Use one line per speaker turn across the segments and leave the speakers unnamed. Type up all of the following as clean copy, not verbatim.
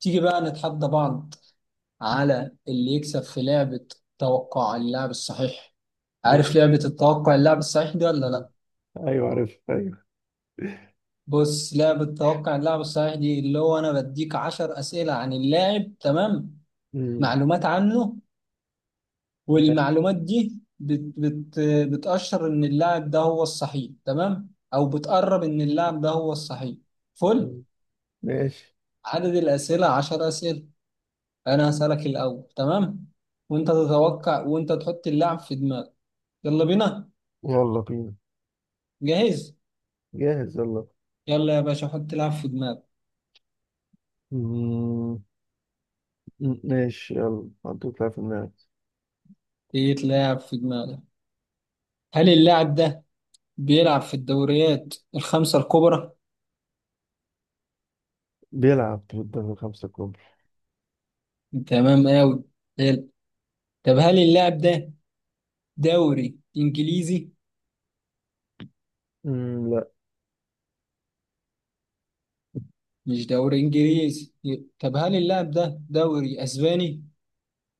تيجي بقى نتحدى بعض على اللي يكسب في لعبة توقع اللاعب الصحيح.
ماشي.
عارف لعبة التوقع اللاعب الصحيح دي ولا
مم.
لا؟
ايوه، عارف، ايوه.
بص، لعبة توقع اللاعب الصحيح دي اللي هو أنا بديك عشر أسئلة عن اللاعب، تمام؟
مم.
معلومات عنه،
ماشي.
والمعلومات دي بت بت بتأشر إن اللاعب ده هو الصحيح، تمام، أو بتقرب إن اللاعب ده هو الصحيح. فل،
ماشي.
عدد الأسئلة عشر أسئلة. أنا هسألك الأول، تمام، وأنت تتوقع، وأنت تحط اللاعب في دماغك. يلا بينا.
يلا بينا.
جاهز؟
جاهز يلا.
يلا يا باشا، حط لاعب في دماغك.
مم. ماشي، يلا حطيت لاعب في دماغك.
يتلعب في دماغك. هل اللاعب ده بيلعب في الدوريات الخمسة الكبرى؟
بيلعب في الدوري الخمسة الكبرى.
تمام قوي، حلو. طب هل اللاعب ده دوري انجليزي؟
مم. لا.
مش دوري انجليزي. طب هل اللاعب ده دوري اسباني؟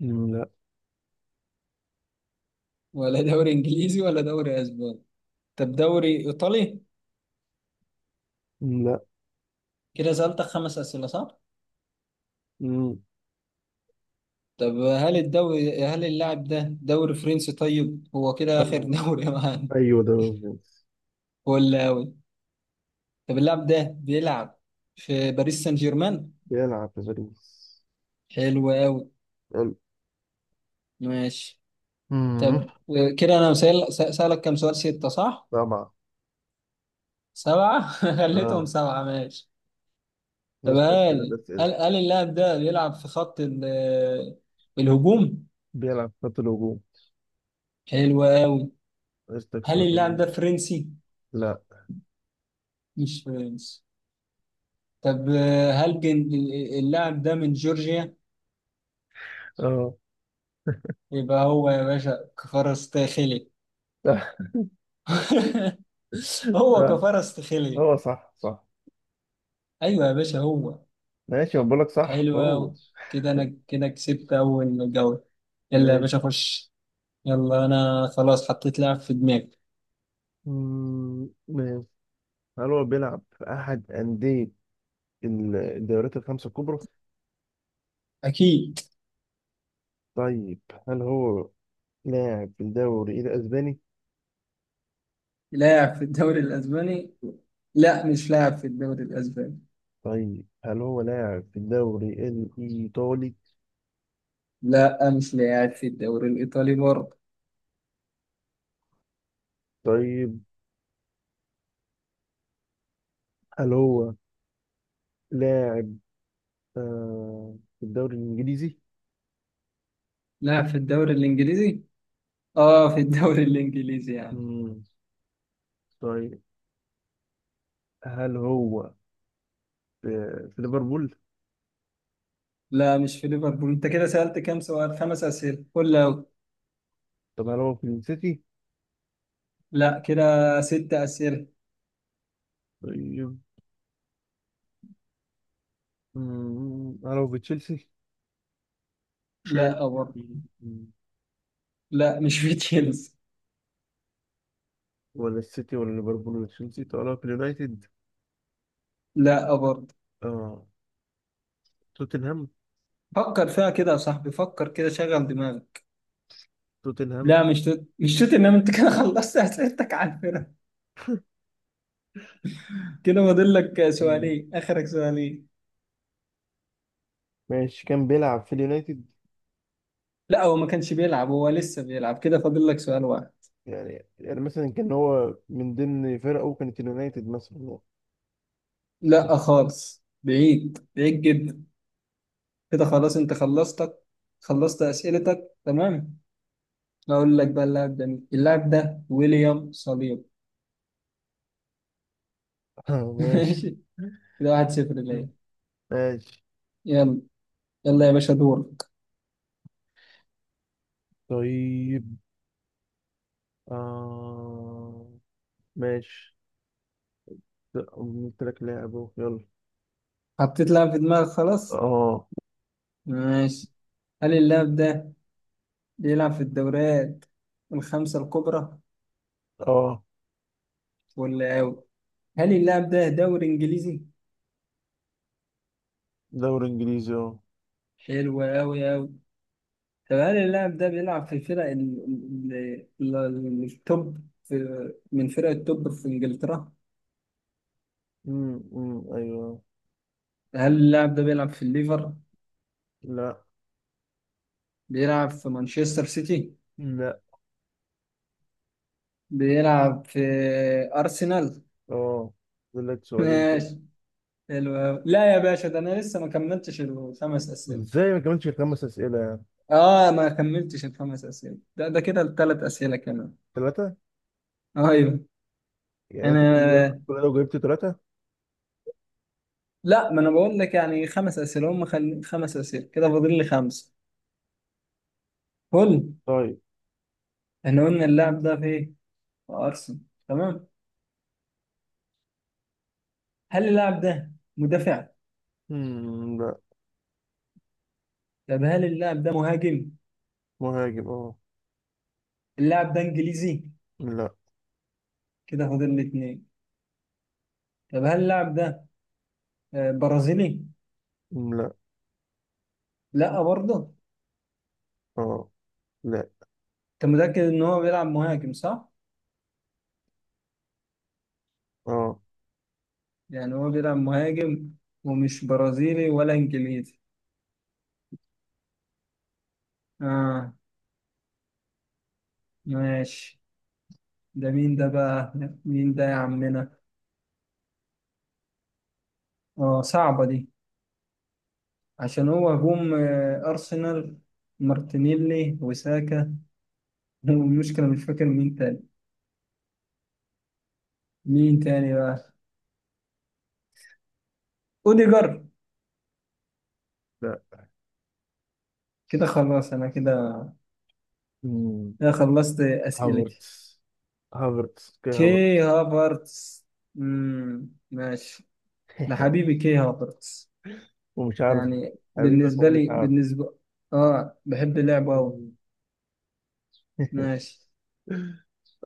مم. لا.
ولا دوري انجليزي ولا دوري اسباني. طب دوري ايطالي؟
مم. لا.
كده سألتك خمس أسئلة، صح؟
مم.
طب هل اللاعب ده دوري فرنسي؟ طيب هو كده آخر
آه.
دوري معانا.
ايوه دوري الخمسة.
ولا؟ طب اللاعب ده بيلعب في باريس سان جيرمان؟
بيلعب في باريس.
حلو قوي.
يلا.
ماشي.
مم.
طب كده انا سألك كم سؤال، ستة صح؟
طبعا.
سبعة خليتهم
اه.
سبعة، ماشي. طب
نسألك ثلاث
هل
أسئلة.
هل هل اللاعب ده بيلعب في خط الهجوم؟
بيلعب في خط الهجوم.
حلو قوي.
نسألك
هل
سؤال
اللاعب
هجوم.
ده فرنسي؟
لا.
مش فرنسي. طب هل جن- اللاعب ده من جورجيا؟
اه.
يبقى هو يا باشا كفارستخيلي. هو
صح،
كفارستخيلي.
هو صح صح.
ايوه يا باشا، هو.
ماشي بقول لك صح
حلو
هو.
أوي. كده أنا كده كسبت أول جولة. يلا يا باشا،
ماشي.
خش. يلا أنا خلاص حطيت لاعب في دماغي.
مم، ماشي. هل هو بيلعب في أحد أندية الدوريات الخمسة الكبرى؟
أكيد.
طيب، هل هو لاعب في الدوري الأسباني؟
لاعب في الدوري الأسباني؟ لا مش لاعب في الدوري الأسباني.
طيب، هل هو لاعب في الدوري الإيطالي؟
لا مش لاعب في الدوري الإيطالي برضه.
طيب، هل هو لاعب في الدوري الإنجليزي؟
لاعب في الدوري الإنجليزي. آه في الدوري الإنجليزي يعني.
مم. طيب، هل هو في, في ليفربول؟
لا مش في ليفربول. أنت كده سألت كام سؤال، خمس أسئلة، قول أوي.
طب هل هو في السيتي؟
لا كده ست أسئلة.
طيب. مم. هل هو في تشيلسي؟
لا برضه.
تشيلسي،
لا مش في تشيلسي.
ولا السيتي ولا ليفربول ولا تشيلسي، طلع في اليونايتد.
لا برضه.
اه. توتنهام.
فكر فيها كده يا صاحبي، فكر كده، شغل دماغك.
توتنهام.
لا مش توت، انما انت كده خلصت اسئلتك على الفرق. كده فاضل لك
مم.
سؤالين، اخرك سؤالين.
ماشي، كان بيلعب في اليونايتد.
لا هو ما كانش بيلعب، هو لسه بيلعب. كده فاضل لك سؤال واحد.
يعني مثلا كان هو من ضمن فرقه كانت اليونايتد مثلا.
لا خالص، بعيد بعيد جدا. كده خلاص انت خلصتك، خلصت اسئلتك، تمام. اقول لك بقى اللاعب ده مين، اللاعب ده ويليام صليب.
ماشي.
ماشي. كده واحد صفر ليا.
مم. ماشي.
يلا. يلا يا باشا دور.
طيب. آه. ماشي. لا، قلت لك لاعب اهو يلا.
حطيت لاعب في دماغك خلاص؟
اه.
ماشي. هل اللاعب ده بيلعب في الدوريات الخمسة الكبرى؟
اه،
ولا أوي. هل اللاعب ده دوري إنجليزي؟
دوري انجليزي اه.
حلو أوي أوي. طب هل اللاعب ده بيلعب في فرق التوب في، من فرق التوب في إنجلترا؟
أمم، أمم، ايوه.
هل اللاعب ده بيلعب في الليفر؟
لا.
بيلعب في مانشستر سيتي؟
لا.
بيلعب في أرسنال؟
اه. فاضل لك سؤالين كده.
ماشي. حلو أوي. لا يا باشا، ده أنا لسه ما كملتش الخمس أسئلة.
ازاي ما كملتش خمس اسئله يعني؟
آه ما كملتش الخمس أسئلة. ده كده الثلاث أسئلة كمان.
ثلاثه.
ايوه.
يعني
انا،
انت كل ده كل ده جبت ثلاثه؟
لا ما انا بقول لك يعني خمس اسئله هم خمس اسئله. كده فاضل لي خمسه. قول.
طيب.
احنا قلنا اللاعب ده في ايه؟ في ارسنال، تمام. هل اللاعب ده مدافع؟
مم لا.
طب هل اللاعب ده مهاجم؟
مهاجم اه.
اللاعب ده انجليزي؟
لا.
كده فاضل لي اتنين. طب هل اللاعب ده آه، برازيلي؟
لا.
لا برضه.
اه. لا.
انت متاكد ان هو بيلعب مهاجم، صح؟
اه.
يعني هو بيلعب مهاجم ومش برازيلي ولا انجليزي. اه. ماشي. ده مين ده بقى؟ مين ده يا عمنا؟ اه، صعبه دي. عشان هو هجوم، آه، أرسنال. مارتينيلي وساكا. والمشكلة مش فاكر مين تاني. مين تاني بقى؟ أوديجارد؟
لا.
كده خلاص أنا كده
مم.
كده خلصت أسئلتي.
هافرتس. هافرتس اوكي هافرتس.
كي هافرتس. مم، ماشي. ده حبيبي كي هافرتس.
ومش عارف.
يعني
حبيبك
بالنسبة
ومش
لي،
عارف.
آه بحب لعبه أوي.
مم.
ماشي.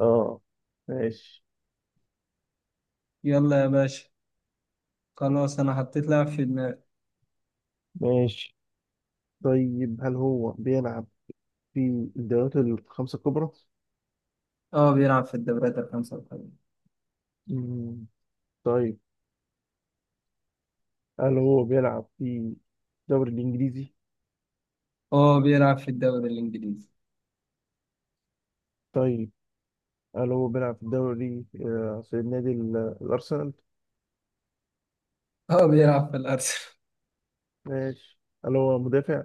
اه. ماشي.
يلا يا باشا. خلاص أنا حطيت لاعب في دماغي.
ماشي. طيب، هل هو بيلعب في الدوريات الخمسة الكبرى؟
آه بيلعب في الدوريات الخمسة الكبرى.
مم. طيب، هل هو بيلعب في الدوري الإنجليزي؟
آه بيلعب في الدوري الإنجليزي.
طيب، هل هو بيلعب في الدوري في نادي الأرسنال.
هو بيلعب في الأرسنال.
ماشي. هل هو مدافع؟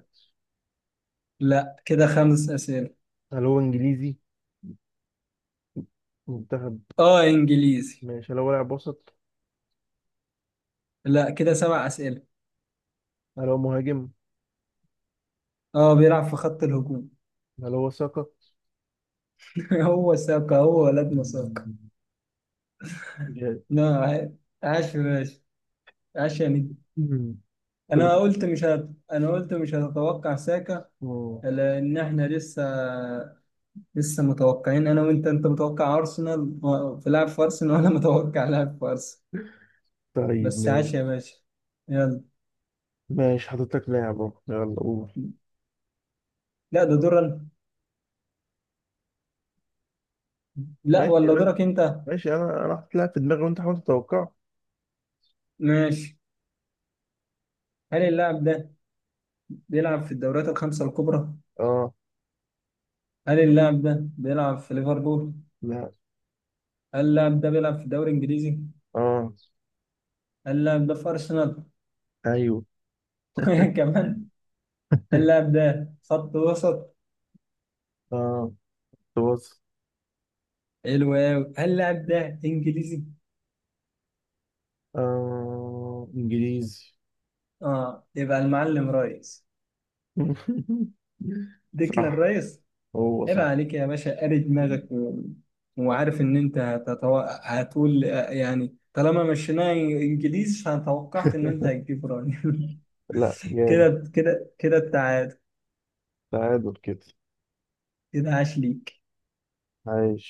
لا كده خمس أسئلة.
هل هو إنجليزي منتخب؟
اه إنجليزي.
ماشي. هل هو لاعب وسط؟
لا كده سبع أسئلة.
هل هو مهاجم؟
اه بيلعب في خط الهجوم.
هل هو ساكا؟
هو ساكا، هو ولدنا ساكا.
جامد.
لا عاش. عاش يا باشا. عاش يا نجم.
قلت-
أنا قلت مش هتتوقع ساكا.
آه.
لأن إحنا لسه متوقعين أنا وأنت. أنت متوقع أرسنال في لاعب في أرسنال وأنا متوقع لاعب في أرسنال.
طيب،
بس
ماشي.
عاش يا باشا. يلا.
ماشي حاطط لك لاعب اهو يلا قول.
لا ده دور أنا. لا
ماشي،
ولا دورك أنت.
ماشي. انا حاطط لاعب في دماغي وانت حاول تتوقع.
ماشي. هل اللاعب ده بيلعب في الدوريات الخمسة الكبرى؟
اه.
هل اللاعب ده بيلعب في ليفربول؟
لا.
هل اللاعب ده بيلعب في الدوري الإنجليزي؟
اه.
هل اللاعب ده في أرسنال؟
ايوه.
كمان. هل اللاعب ده خط وسط؟
اه. تبص.
حلو أوي. هل اللاعب ده إنجليزي؟
اه انجليزي.
آه يبقى المعلم رايس. ديكلان
صح،
رايس.
هو
عيب
صح.
عليك يا باشا، قاري دماغك وعارف إن أنت هتقول آه، يعني طالما مشيناه إنجليزي فأتوقعت إن أنت هتجيب رايس.
لا جامد.
كده كده كده التعادل.
تعادل كده.
كده عاش ليك.
عايش.